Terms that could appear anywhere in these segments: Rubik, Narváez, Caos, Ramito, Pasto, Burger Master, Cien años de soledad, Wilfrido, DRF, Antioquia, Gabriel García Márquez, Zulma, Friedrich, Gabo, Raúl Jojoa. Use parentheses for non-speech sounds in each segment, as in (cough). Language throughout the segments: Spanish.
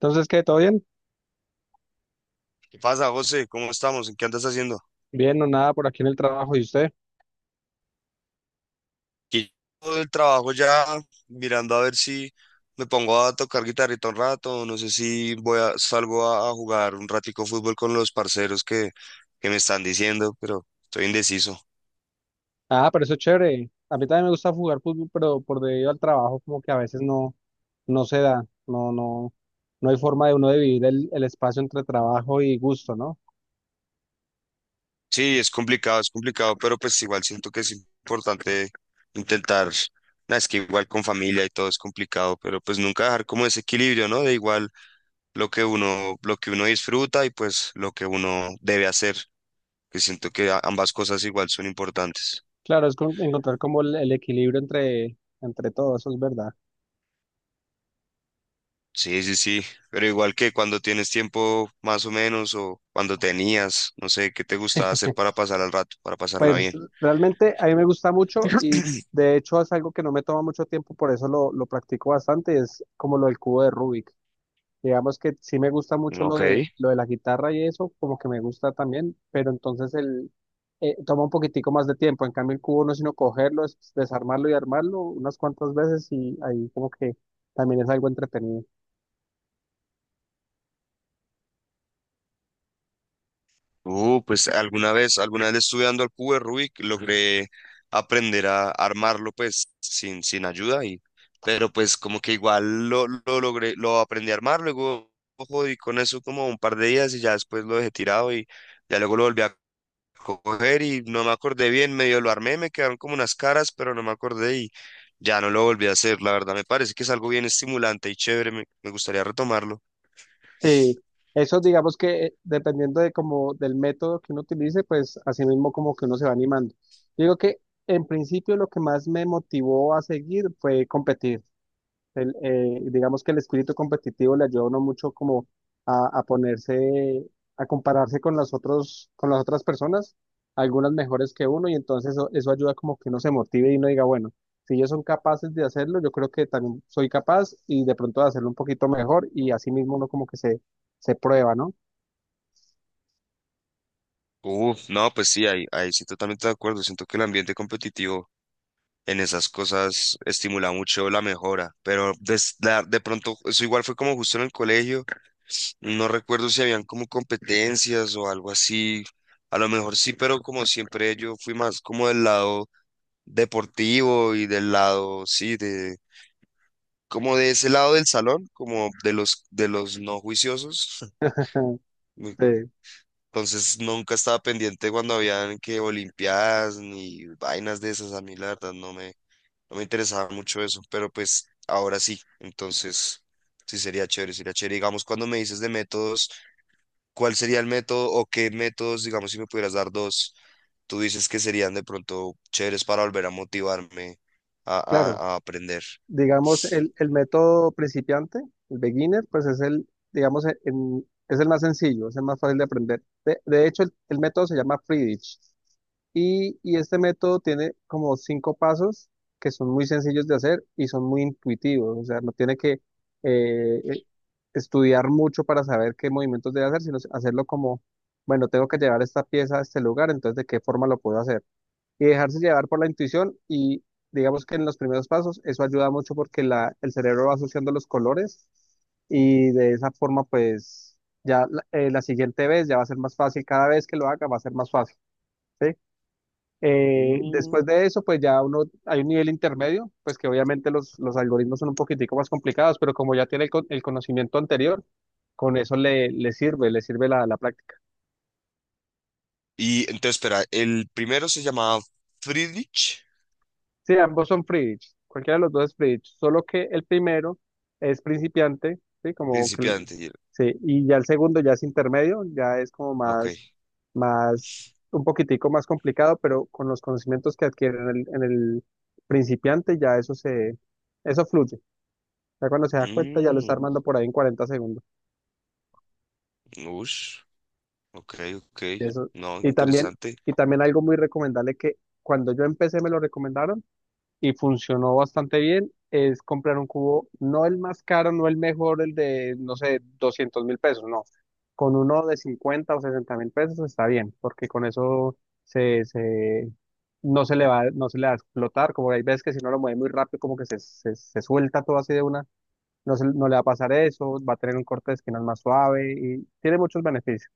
Entonces, ¿qué? ¿Todo bien? ¿Qué pasa, José? ¿Cómo estamos? ¿En qué andas haciendo? Bien no nada por aquí en el trabajo. ¿Y usted? Aquí todo el trabajo ya mirando a ver si me pongo a tocar guitarrita un rato, no sé si voy a, salgo a jugar un ratico fútbol con los parceros que me están diciendo, pero estoy indeciso. Ah, pero eso es chévere. A mí también me gusta jugar fútbol, pero por debido al trabajo, como que a veces no, no se da. No, no, no hay forma de uno dividir el espacio entre trabajo y gusto, ¿no? Sí, es complicado, pero pues igual siento que es importante intentar, nah, es que igual con familia y todo es complicado, pero pues nunca dejar como ese equilibrio, ¿no? De igual lo que uno disfruta y pues lo que uno debe hacer. Que siento que ambas cosas igual son importantes. Claro, es encontrar como el equilibrio entre todo, eso es verdad. Sí, sí, sí, pero igual que cuando tienes tiempo más o menos o cuando tenías, no sé, ¿qué te gustaba hacer para pasar al rato, para pasarla Pues bien? realmente a mí me gusta mucho y de hecho es algo que no me toma mucho tiempo, por eso lo practico bastante, es como lo del cubo de Rubik. Digamos que sí me gusta mucho lo Ok. de lo de la guitarra y eso, como que me gusta también, pero entonces el toma un poquitico más de tiempo. En cambio el cubo no es sino cogerlo, es desarmarlo y armarlo unas cuantas veces y ahí como que también es algo entretenido. Pues alguna vez estudiando al cubo de Rubik logré aprender a armarlo pues sin ayuda y, pero pues como que igual lo logré, lo aprendí a armar, luego ojo, y con eso como un par de días y ya después lo dejé tirado y ya luego lo volví a coger y no me acordé bien, medio lo armé, me quedaron como unas caras, pero no me acordé y ya no lo volví a hacer, la verdad me parece que es algo bien estimulante y chévere, me gustaría retomarlo. Sí, eso digamos que dependiendo de como del método que uno utilice, pues así mismo como que uno se va animando. Digo que en principio lo que más me motivó a seguir fue competir. Digamos que el espíritu competitivo le ayuda a uno mucho como a ponerse, a compararse con las otras personas, algunas mejores que uno, y entonces eso ayuda como que uno se motive y uno diga, bueno, si ellos son capaces de hacerlo, yo creo que también soy capaz y de pronto de hacerlo un poquito mejor y así mismo uno como que se prueba, ¿no? Uf, no, pues sí, ahí sí totalmente de acuerdo, siento que el ambiente competitivo en esas cosas estimula mucho la mejora, pero de pronto eso igual fue como justo en el colegio, no recuerdo si habían como competencias o algo así, a lo mejor sí, pero como siempre yo fui más como del lado deportivo y del lado, sí, de como de ese lado del salón, como de los no juiciosos. (laughs) Me- Eh, Entonces nunca estaba pendiente cuando habían que olimpiadas ni vainas de esas. A mí la verdad no me interesaba mucho eso, pero pues ahora sí. Entonces sí sería chévere, sería chévere. Digamos, cuando me dices de métodos, ¿cuál sería el método o qué métodos, digamos, si me pudieras dar dos, tú dices que serían de pronto chéveres para volver a motivarme a, claro. a a aprender? Digamos, el método principiante, el beginner, pues es el, digamos, es el más sencillo, es el más fácil de aprender. De hecho, el método se llama Friedrich y este método tiene como cinco pasos que son muy sencillos de hacer y son muy intuitivos, o sea, no tiene que eh, eh, estudiar mucho para saber qué movimientos debe hacer, sino hacerlo como, bueno, tengo que llevar esta pieza a este lugar, entonces, ¿de qué forma lo puedo hacer? Y dejarse llevar por la intuición y digamos que en los primeros pasos eso ayuda mucho porque el cerebro va asociando los colores y de esa forma pues ya la siguiente vez ya va a ser más fácil, cada vez que lo haga va a ser más fácil, ¿sí? Mm. Después de eso pues ya uno, hay un nivel intermedio, pues que obviamente los algoritmos son un poquitico más complicados, pero como ya tiene el conocimiento anterior, con eso le, le sirve la práctica. Y entonces, espera, el primero se llamaba Friedrich, Sí, ambos son free ditch. Cualquiera de los dos es free ditch. Solo que el primero es principiante, ¿sí? Como que, principiante. Sí, y ya el segundo ya es intermedio, ya es como Ok. más, más, un poquitico más complicado, pero con los conocimientos que adquiere en el principiante ya eso fluye. Ya cuando se da cuenta ya lo está Mm, armando por ahí en 40 segundos. ush, ok, ok. Y eso, No, y también, interesante. y también algo muy recomendable que cuando yo empecé me lo recomendaron y funcionó bastante bien es comprar un cubo, no el más caro, no el mejor, el de, no sé, 200.000 pesos, no. Con uno de 50.000 o 60.000 pesos está bien, porque con eso se, no se le va a explotar, como hay veces que si no lo mueve muy rápido, como que se suelta todo así de una, no, no le va a pasar eso, va a tener un corte de esquinas más suave y tiene muchos beneficios.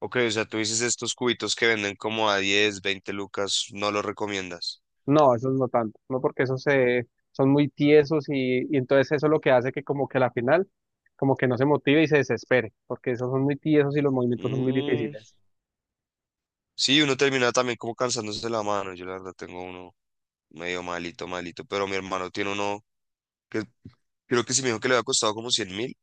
Ok, o sea, tú dices estos cubitos que venden como a 10 20 lucas, no los recomiendas. No, esos no tanto, no porque son muy tiesos y entonces eso es lo que hace que como que la final como que no se motive y se desespere, porque esos son muy tiesos y los movimientos son muy Mm, difíciles. sí, uno termina también como cansándose la mano. Yo la verdad tengo uno medio malito, malito, pero mi hermano tiene uno que creo que sí me dijo que le había costado como 100.000.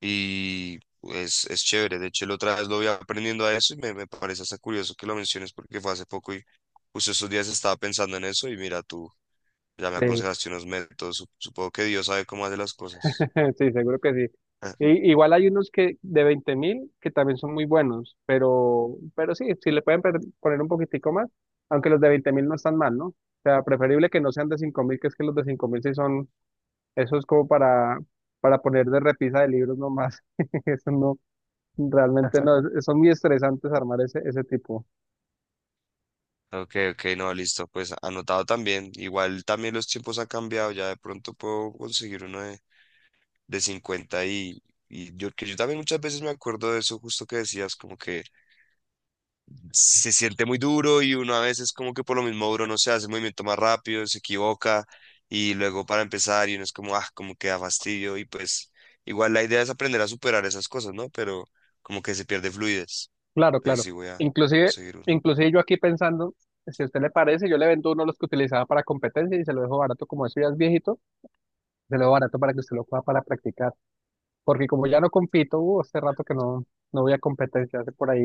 Y es chévere. De hecho, la otra vez lo voy aprendiendo a eso y me parece hasta curioso que lo menciones porque fue hace poco y justo estos días estaba pensando en eso y mira, tú ya me Sí, aconsejaste unos métodos. Supongo que Dios sabe cómo hace las cosas. (laughs) sí, seguro que sí. (laughs) Y, igual hay unos que de 20.000 que también son muy buenos, pero sí, si le pueden poner un poquitico más, aunque los de 20.000 no están mal, ¿no? O sea, preferible que no sean de 5.000, que es que los de 5.000 sí son, eso es como para poner de repisa de libros nomás. (laughs) Eso no, realmente Ajá. no, son muy estresantes armar ese, ese tipo. Ok, ok, no, listo. Pues anotado también. Igual también los tiempos han cambiado. Ya de pronto puedo conseguir uno de 50 y yo, que yo también muchas veces me acuerdo de eso justo que decías, como que se siente muy duro y uno a veces como que por lo mismo duro no se hace el movimiento más rápido, se equivoca y luego para empezar y uno es como, ah, como que da fastidio y pues igual la idea es aprender a superar esas cosas, ¿no? Pero como que se pierde fluidez. Claro, Entonces claro. sí voy a Inclusive, conseguir uno. inclusive yo aquí pensando, si a usted le parece, yo le vendo uno de los que utilizaba para competencia y se lo dejo barato, como eso ya es viejito, se lo dejo barato para que usted lo pueda para practicar. Porque como ya no compito, hace rato que no, no voy a competencia, hace por ahí,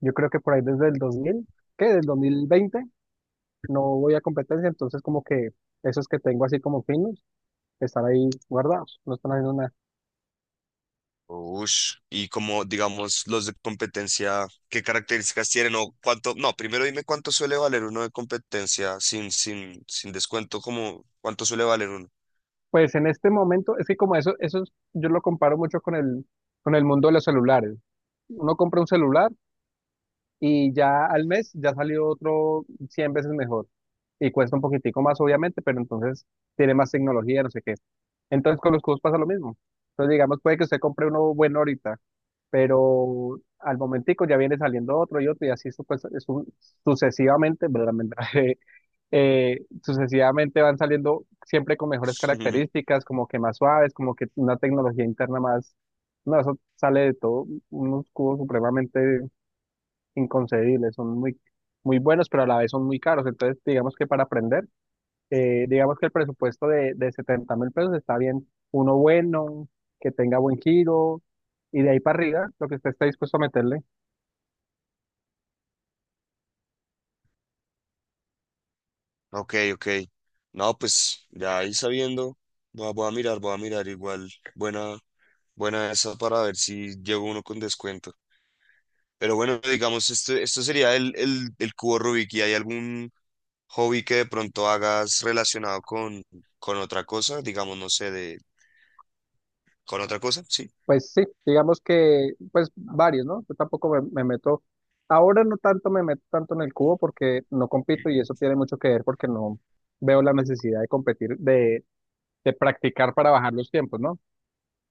yo creo que por ahí desde el 2000, ¿qué? Del 2020 no voy a competencia, entonces como que esos que tengo así como finos están ahí guardados, no están haciendo nada. Ush, y como digamos los de competencia, ¿qué características tienen o cuánto? No, primero dime cuánto suele valer uno de competencia sin descuento, como cuánto suele valer uno. Pues en este momento, es que como eso, yo lo comparo mucho con con el mundo de los celulares. Uno compra un celular y ya al mes ya salió otro 100 veces mejor y cuesta un poquitico más, obviamente, pero entonces tiene más tecnología, no sé qué. Entonces con los cubos pasa lo mismo. Entonces digamos, puede que usted compre uno bueno ahorita, pero al momentico ya viene saliendo otro y otro y así pues, sucesivamente, (laughs) sucesivamente van saliendo siempre con mejores (laughs) características, como que más suaves, como que una tecnología interna más, no, eso sale de todo, unos cubos supremamente inconcebibles, son muy, muy buenos, pero a la vez son muy caros, entonces digamos que para aprender, digamos que el presupuesto de 70.000 pesos está bien, uno bueno, que tenga buen giro, y de ahí para arriba, lo que usted esté dispuesto a meterle. Ok, ok. No, pues ya ahí sabiendo, voy a mirar igual. Buena, buena esa para ver si llevo uno con descuento. Pero bueno, digamos, esto sería el cubo Rubik. ¿Y hay algún hobby que de pronto hagas relacionado con otra cosa? Digamos, no sé, de, con otra cosa, sí. Pues sí, digamos que, pues varios, ¿no? Yo tampoco me meto, ahora no tanto me meto tanto en el cubo porque no compito y eso tiene mucho que ver porque no veo la necesidad de competir, de practicar para bajar los tiempos, ¿no?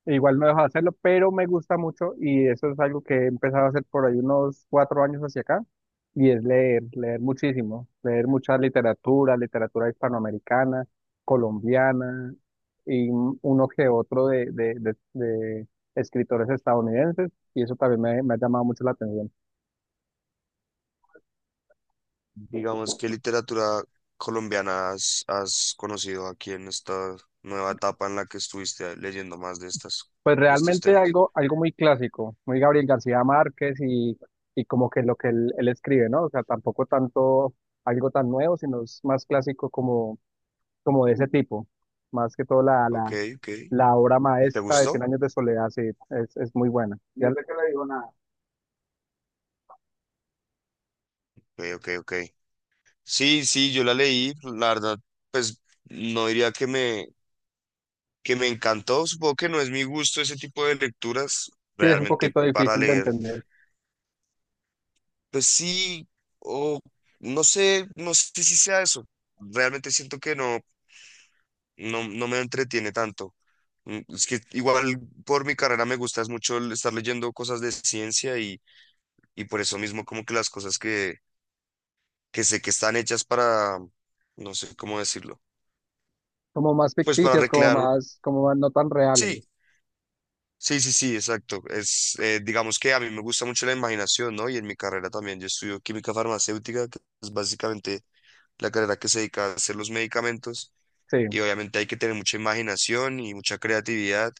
E igual no dejo de hacerlo, pero me gusta mucho y eso es algo que he empezado a hacer por ahí unos 4 años hacia acá y es leer, leer muchísimo, leer mucha literatura, literatura hispanoamericana, colombiana y uno que otro de escritores estadounidenses y eso también me ha llamado mucho la atención. Digamos, ¿qué literatura colombiana has conocido aquí en esta nueva etapa en la que estuviste leyendo más de estas, Pues de estos realmente temas? algo muy clásico, muy Gabriel García Márquez y como que lo que él escribe, ¿no? O sea, tampoco tanto algo tan nuevo, sino es más clásico como como de ese tipo. Más que todo la, la, Ok, ok. la obra ¿Te maestra de Cien gustó? años de soledad, sí, es muy buena. Ya, no sé qué le digo nada. Ok, ok, ok. Sí, sí, yo la leí, la verdad, pues no diría que me encantó, supongo que no es mi gusto ese tipo de lecturas Sí, es un realmente poquito para difícil de leer. entender. Pues sí, o no sé, no sé si sea eso, realmente siento que no me entretiene tanto. Mm, es que igual por mi carrera me gusta es mucho el estar leyendo cosas de ciencia y por eso mismo como que las cosas que sé que están hechas para, no sé cómo decirlo, Como más pues para ficticias, recrear, como más no tan sí. reales. Sí, sí, sí, exacto. Es, digamos que a mí me gusta mucho la imaginación, ¿no? Y en mi carrera también, yo estudio química farmacéutica, que es básicamente la carrera que se dedica a hacer los medicamentos. Sí, Y obviamente hay que tener mucha imaginación y mucha creatividad,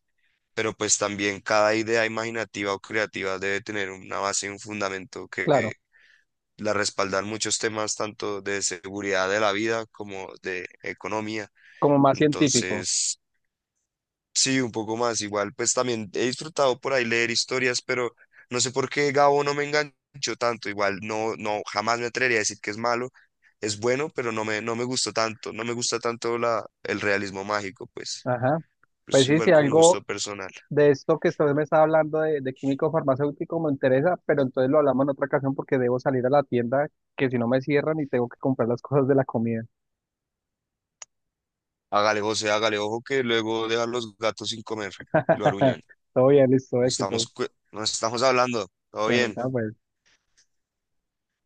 pero pues también cada idea imaginativa o creativa debe tener una base y un fundamento que claro, la respaldan muchos temas, tanto de seguridad de la vida como de economía. como más científico. Entonces... Sí, un poco más. Igual, pues también he disfrutado por ahí leer historias, pero no sé por qué Gabo no me enganchó tanto. Igual, no, no, jamás me atrevería a decir que es malo. Es bueno, pero no me gustó tanto. No me gusta tanto la, el realismo mágico, pues. Ajá. Es Pues sí, si igual como un gusto algo personal. de esto que usted me está hablando de químico farmacéutico me interesa, pero entonces lo hablamos en otra ocasión porque debo salir a la tienda, que si no me cierran y tengo que comprar las cosas de la comida. Hágale, José, hágale, ojo que luego dejan los gatos sin comer. Lo aruñan. (laughs) Todo bien, listo, Nos estamos, éxito. Nos estamos hablando. Todo Bueno, bien. ya pues.